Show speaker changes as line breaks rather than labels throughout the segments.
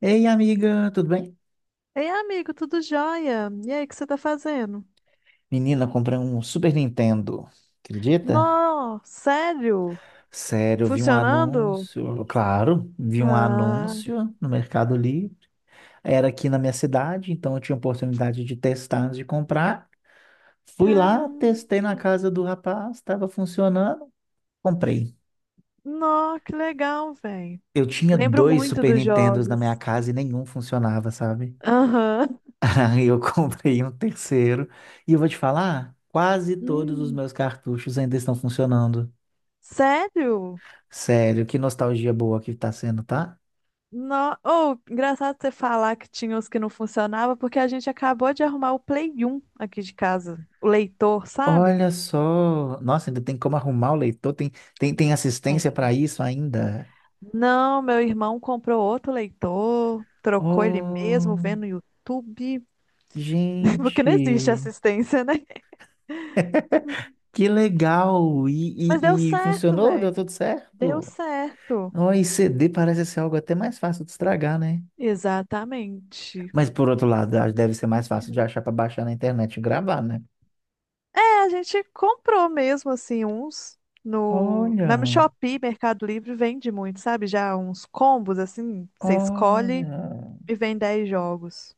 Ei, amiga, tudo bem?
Ei, amigo, tudo jóia? E aí, o que você tá fazendo?
Menina, eu comprei um Super Nintendo. Acredita?
Nó, sério?
Sério, eu vi um
Funcionando?
anúncio. Claro, vi um
Ah,
anúncio no Mercado Livre. Era aqui na minha cidade, então eu tinha oportunidade de testar antes de comprar. Fui lá,
caramba.
testei na casa do rapaz, estava funcionando, comprei.
Nó, que legal, velho.
Eu tinha
Lembro
dois
muito
Super
dos
Nintendos na minha
jogos.
casa e nenhum funcionava, sabe?
Aham.
Aí eu comprei um terceiro. E eu vou te falar, quase todos os
Hum,
meus cartuchos ainda estão funcionando.
sério?
Sério, que nostalgia boa que tá sendo, tá?
Nó, oh, engraçado você falar que tinha os que não funcionavam, porque a gente acabou de arrumar o Play 1 aqui de casa. O leitor, sabe?
Olha só. Nossa, ainda tem como arrumar o leitor, tem, tem assistência para
Tem.
isso ainda.
Não, meu irmão comprou outro leitor, trocou ele mesmo,
Oh,
vendo no YouTube. Porque não existe
gente,
assistência, né?
que legal!
Mas deu
E
certo,
funcionou? Deu
velho.
tudo
Deu
certo?
certo.
Oh, e CD parece ser algo até mais fácil de estragar, né?
Exatamente.
Mas por outro lado, acho que deve ser mais fácil de achar para baixar na internet e gravar, né?
É, a gente comprou mesmo, assim, uns no... Na
Olha,
Shopee, Mercado Livre, vende muito, sabe? Já uns combos, assim, você escolhe
olha,
e vem 10 jogos.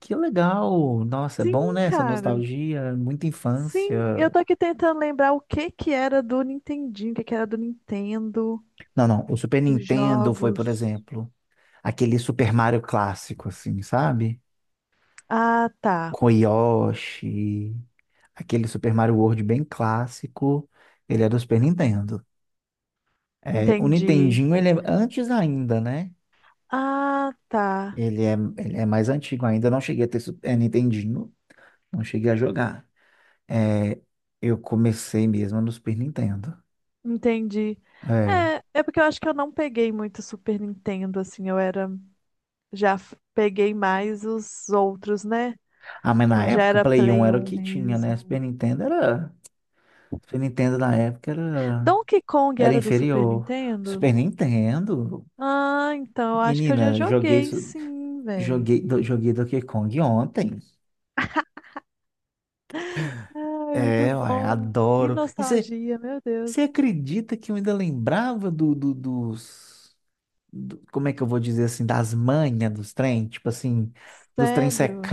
que legal! Nossa, é
Sim,
bom, né? Essa
cara.
nostalgia, muita
Sim,
infância.
eu tô aqui tentando lembrar o que que era do Nintendinho, o que que era do Nintendo,
Não, não. O Super
os
Nintendo foi, por
jogos.
exemplo, aquele Super Mario clássico, assim, sabe?
Ah, tá.
Com Yoshi, aquele Super Mario World bem clássico. Ele é do Super Nintendo. É, o
Entendi.
Nintendinho, ele é antes ainda, né?
Ah, tá.
Ele é mais antigo ainda. Eu não cheguei a ter Super Nintendinho, não cheguei a jogar. É, eu comecei mesmo no Super Nintendo.
Entendi.
É.
É, é porque eu acho que eu não peguei muito Super Nintendo, assim, eu era, peguei mais os outros, né?
Ah, mas na
Quando já
época,
era
Play 1
Play
era o
1
que tinha, né?
mesmo.
Super Nintendo era. Super Nintendo na época era.
Donkey Kong
Era
era do Super
inferior.
Nintendo?
Super Nintendo.
Ah, então eu acho que eu já
Menina, joguei,
joguei, sim, velho.
joguei, joguei Donkey Kong ontem.
Ai, muito
É, uai,
bom. Que
adoro. E você
nostalgia, meu Deus.
acredita que eu ainda lembrava dos. Como é que eu vou dizer assim? Das manhas dos trem? Tipo assim, dos trem
Sério?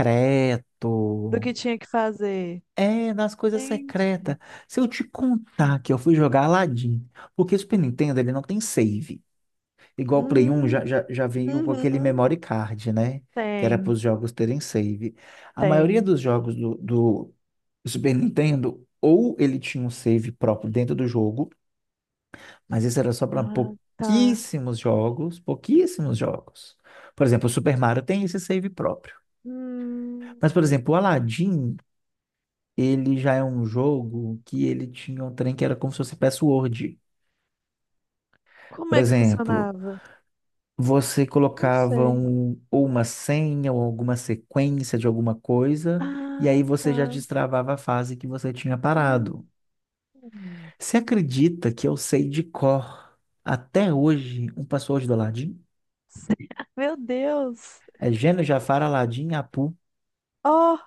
Do que tinha que fazer?
É, das coisas
Gente.
secretas. Se eu te contar que eu fui jogar Aladdin, porque o Super Nintendo ele não tem save. Igual o Play 1
Hum,
já, já veio com aquele
uhum.
memory card, né? Que era para os
Tem,
jogos terem save. A maioria
tem.
dos jogos do Super Nintendo, ou ele tinha um save próprio dentro do jogo, mas isso era só para
Ah, tá.
pouquíssimos jogos, pouquíssimos jogos. Por exemplo, o Super Mario tem esse save próprio.
Hum,
Mas, por exemplo, o Aladdin, ele já é um jogo que ele tinha um trem que era como se fosse password.
Como
Por
é que
exemplo,
funcionava?
você
Eu Não
colocava
sei.
um, ou uma senha ou alguma sequência de alguma coisa, e
Ah,
aí você já
tá.
destravava a fase que você tinha
Hum,
parado. Você acredita que eu sei de cor até hoje um password do Aladdin?
Sei. Meu Deus.
É Gênio, Jafar, Aladdin, Apu.
Oh,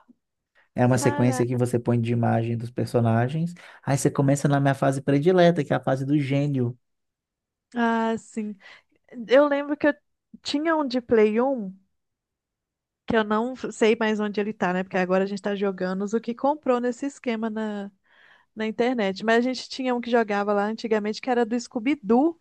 É uma sequência
cara.
que você põe de imagem dos personagens. Aí você começa na minha fase predileta, que é a fase do gênio.
Ah, sim. Eu lembro que eu tinha um de Play 1 que eu não sei mais onde ele tá, né? Porque agora a gente tá jogando os o que comprou nesse esquema na, na internet. Mas a gente tinha um que jogava lá antigamente, que era do Scooby-Doo.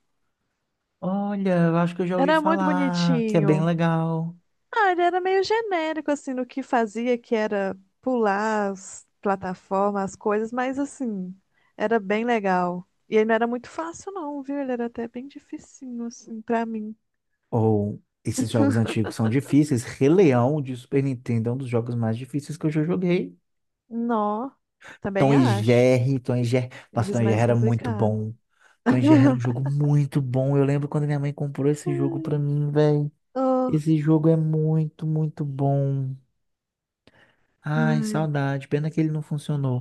Olha, eu acho que eu já ouvi
Era muito
falar, que é bem
bonitinho.
legal.
Ah, ele era meio genérico, assim, no que fazia, que era pular as plataformas, as coisas, mas, assim, era bem legal. E ele não era muito fácil, não, viu? Ele era até bem dificinho, assim, pra mim.
Ou esses jogos antigos são difíceis. Rei Leão de Super Nintendo é um dos jogos mais difíceis que eu já joguei.
Nó,
Tom
também
e
acho.
Jerry, Tom e Jerry. Nossa, Tom
Eles
e Jerry
mais
era muito
complicados.
bom. Tom e Jerry era um jogo muito bom. Eu lembro quando minha mãe comprou esse jogo pra mim, velho.
Oh,
Esse jogo é muito, muito bom. Ai,
ai.
saudade. Pena que ele não funcionou.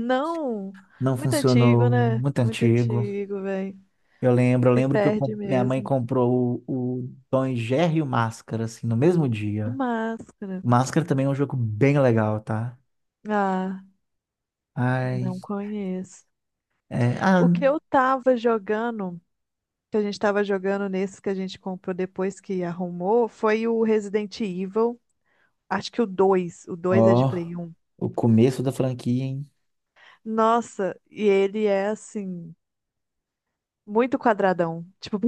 Não,
Não
muito antigo,
funcionou.
né?
Muito
Muito
antigo.
antigo, velho.
Eu
Se
lembro que eu
perde
minha mãe
mesmo.
comprou o Tom e Jerry e o Máscara, assim, no mesmo
O
dia.
Máscara.
Máscara também é um jogo bem legal, tá?
Ah,
Ai,
não conheço.
é, ah,
O que eu tava jogando. Que a gente estava jogando nesse que a gente comprou depois que arrumou foi o Resident Evil, acho que o 2 é de
ó,
Play 1.
o começo da franquia, hein?
Nossa, e ele é assim, muito quadradão. Tipo,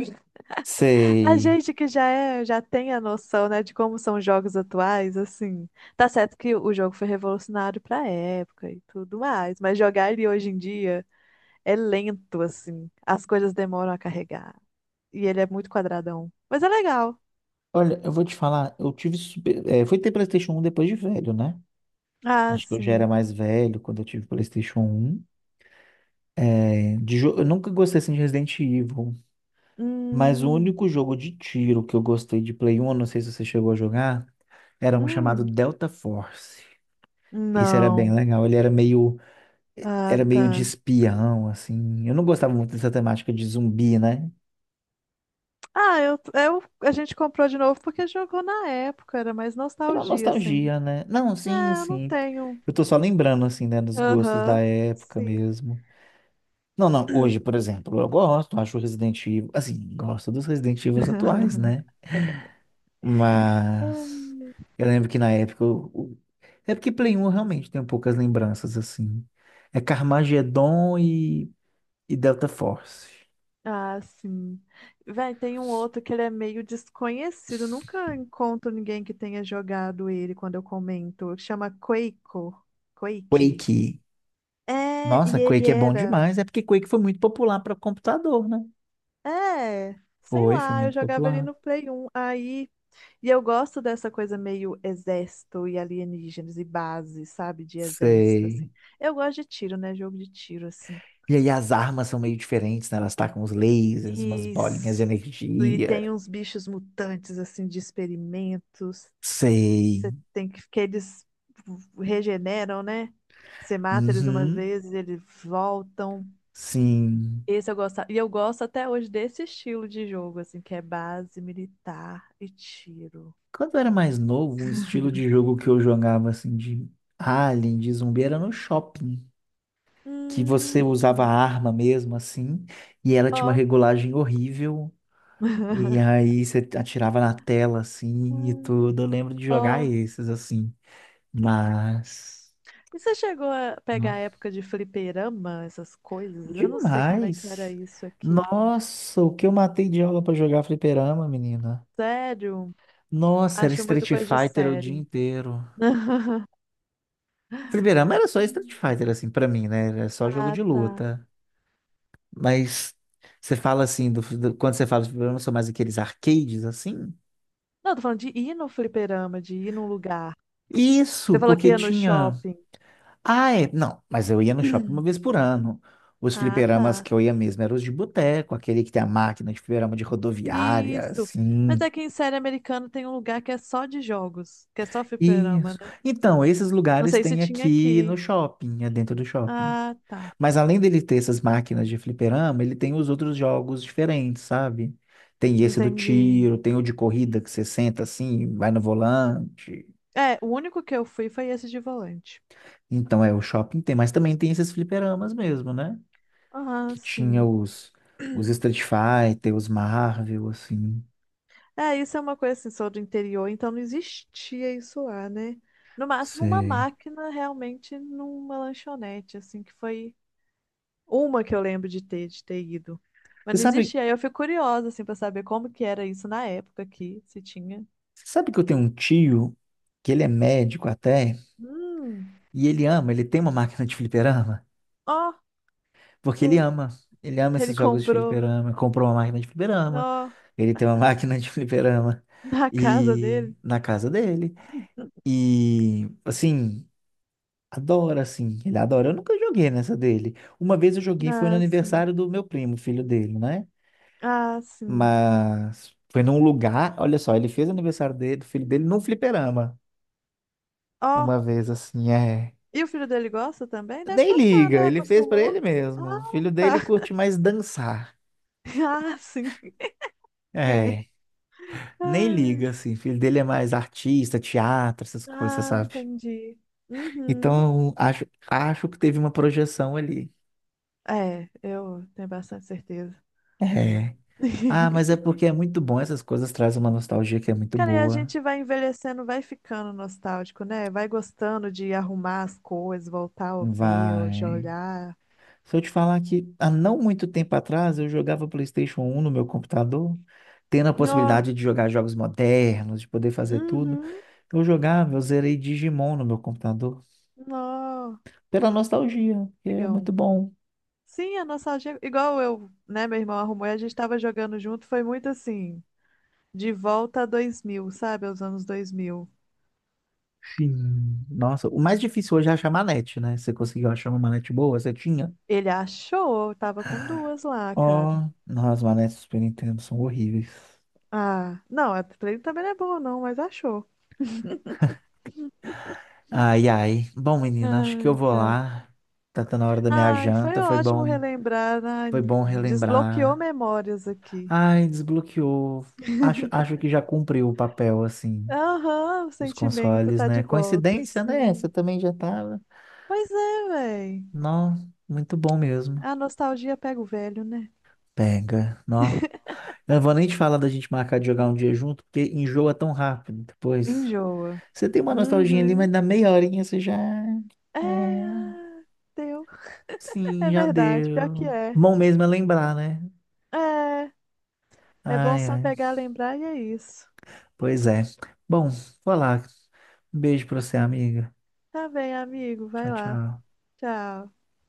a
Sei.
gente que já é, já tem a noção, né, de como são os jogos atuais, assim. Tá certo que o jogo foi revolucionário pra época e tudo mais, mas jogar ele hoje em dia é lento, assim. As coisas demoram a carregar. E ele é muito quadradão. Mas é legal.
Olha, eu vou te falar, eu tive super, é, fui ter PlayStation um depois de velho, né?
Ah,
Acho que eu já era
sim.
mais velho quando eu tive PlayStation um. É, eu nunca gostei assim de Resident Evil, mas o
Hum,
único jogo de tiro que eu gostei de Play 1, eu não sei se você chegou a jogar, era um chamado
Hum,
Delta Force. Esse era bem
não.
legal,
Ah,
era meio de
tá.
espião, assim. Eu não gostava muito dessa temática de zumbi, né?
Ah, a gente comprou de novo porque jogou na época, era mais
Pela
nostalgia, assim.
nostalgia, né? Não, sim,
É, eu não
sim.
tenho.
Eu tô só lembrando, assim, né, dos gostos da
Aham,
época
sim.
mesmo. Não, não, hoje, por exemplo, eu gosto, acho o Resident Evil, assim, gosto dos Resident Evil atuais, né? Mas eu lembro que na época. É porque Play um eu realmente tem poucas lembranças, assim. É Carmageddon e Delta Force.
Ah, sim. Véi, tem um outro que ele é meio desconhecido. Nunca encontro ninguém que tenha jogado ele quando eu comento. Chama Quaco. Quake.
Quake.
É,
Nossa,
e ele
Quake é bom
era.
demais. É porque Quake foi muito popular para computador, né?
É, sei
Foi, foi
lá, eu
muito
jogava ele
popular.
no Play 1. Aí e eu gosto dessa coisa meio exército e alienígenas e base, sabe? De exército,
Sei.
assim. Eu gosto de tiro, né? Jogo de tiro, assim.
E aí as armas são meio diferentes, né? Elas tacam uns lasers, umas
E,
bolinhas de
e tem
energia.
uns bichos mutantes, assim, de experimentos.
Sei.
Você tem que eles regeneram, né? Você mata eles umas
Uhum.
vezes, eles voltam.
Sim.
Esse eu gosto. E eu gosto até hoje desse estilo de jogo, assim, que é base, militar e tiro.
Quando eu era mais novo, um estilo de jogo que eu jogava assim de alien, de zumbi, era no shopping. Que você usava a
Hum,
arma mesmo, assim, e ela tinha uma
ó.
regulagem horrível. E aí você atirava na tela, assim, e tudo. Eu lembro de jogar
Ó.
esses, assim. Mas.
E você chegou a pegar a
Nossa.
época de fliperama, essas coisas? Eu não sei como é que era
Demais.
isso aqui.
Nossa, o que eu matei de aula pra jogar fliperama, menina.
Sério?
Nossa, era
Acho
Street
muito coisa de
Fighter o dia
série.
inteiro. Fliperama era só Street Fighter, assim, pra mim, né? Era só jogo
Ah,
de
tá.
luta. Mas você fala assim, quando você fala de fliperama, são mais aqueles arcades, assim?
Não, tô falando de ir no fliperama, de ir num lugar.
Isso,
Você falou que
porque
ia no
tinha.
shopping.
Ah, é. Não, mas eu ia no shopping uma vez por ano. Os
Ah,
fliperamas
tá.
que eu ia mesmo eram os de boteco, aquele que tem a máquina de fliperama de rodoviária,
Isso. Mas
assim.
aqui em série americana tem um lugar que é só de jogos, que é só fliperama,
Isso.
né?
Então, esses
Não
lugares
sei se
tem
tinha
aqui no
aqui.
shopping, é dentro do shopping.
Ah, tá.
Mas além dele ter essas máquinas de fliperama, ele tem os outros jogos diferentes, sabe? Tem esse do
Entendi.
tiro, tem o de corrida que você senta assim, vai no volante.
É, o único que eu fui foi esse de volante.
Então, é, o shopping tem, mas também tem esses fliperamas mesmo, né?
Ah,
Que tinha
sim.
os Street Fighter, os Marvel, assim.
É, isso é uma coisa assim, sou do interior, então não existia isso lá, né? No máximo uma
Sei.
máquina realmente numa lanchonete, assim, que foi uma que eu lembro de ter ido. Mas
Você
não
sabe,
existia, aí eu fico curiosa, assim, pra saber como que era isso na época aqui, se tinha.
você sabe que eu tenho um tio que ele é médico até,
Hum,
e ele ama, ele tem uma máquina de fliperama?
ó, que
Porque ele
lou-
ama. Ele ama
Ele
esses jogos de
comprou,
fliperama. Comprou uma máquina de fliperama.
ó,
Ele tem uma máquina de fliperama.
na casa
E
dele.
na casa dele. E assim, adora, assim. Ele adora. Eu nunca joguei nessa dele. Uma vez eu joguei, foi no
Ah, sim,
aniversário do meu primo, filho dele, né?
ah, sim.
Mas foi num lugar. Olha só, ele fez o aniversário dele, do filho dele, num fliperama.
Ó,
Uma vez, assim, é.
e o filho dele gosta também? Deve
Nem
gostar,
liga,
né?
ele fez pra
Acostumou.
ele mesmo. O
Ah,
filho
tá.
dele curte mais dançar.
Ah, sim. É.
É. Nem
Ai,
liga, assim. O filho dele é mais artista, teatro, essas coisas,
ah,
sabe?
entendi. Uhum.
Então, acho que teve uma projeção ali.
É, eu tenho bastante certeza.
É. Ah, mas é porque é muito bom, essas coisas trazem uma nostalgia que é muito
Cara, e a
boa.
gente vai envelhecendo, vai ficando nostálgico, né? Vai gostando de arrumar as coisas, voltar a ouvir, ou já
Vai.
olhar.
Se eu te falar que há não muito tempo atrás eu jogava PlayStation um no meu computador, tendo a
Ó,
possibilidade de jogar jogos modernos, de poder fazer tudo,
uhum,
eu jogava, eu zerei Digimon no meu computador,
ó,
pela nostalgia, que é
digão.
muito bom.
Sim, a nostalgia, igual eu, né? Meu irmão arrumou e a gente tava jogando junto, foi muito assim, de volta a 2000, sabe? Aos anos 2000.
Sim. Nossa, o mais difícil hoje é achar manete, né? Você conseguiu achar uma manete boa? Você tinha?
Ele achou, eu tava com duas lá,
Ó,
cara.
oh, nossa, as manetes do Super Nintendo são horríveis.
Ah, não, a trailer também não é boa, não, mas achou.
Ai, ai. Bom, menina, acho que eu
Ai,
vou
cara.
lá. Tá, tá na hora da minha
Ai, foi
janta.
ótimo relembrar. Ai,
Foi bom
desbloqueou
relembrar.
memórias aqui.
Ai, desbloqueou. Acho que já cumpriu o papel, assim,
Aham, o
dos
sentimento
consoles,
tá
né?
de volta,
Coincidência, né? Você
sim.
também já tava.
Pois é, véi.
Não, muito bom mesmo.
A nostalgia pega o velho, né?
Pega, nó. Eu não vou nem te falar da gente marcar de jogar um dia junto, porque enjoa tão rápido depois.
Enjoa.
Você tem uma nostalgia ali, mas
Uhum.
na meia horinha você já.
É,
É,
ah, deu.
sim,
É
já
verdade, pior que
deu.
é.
Bom mesmo é lembrar, né?
É, é bom
Ai,
só
ai.
pegar, lembrar e é isso.
Pois é. Bom, vou lá. Um beijo pra você, amiga.
Tá bem, amigo,
Tchau,
vai lá.
tchau.
Tchau.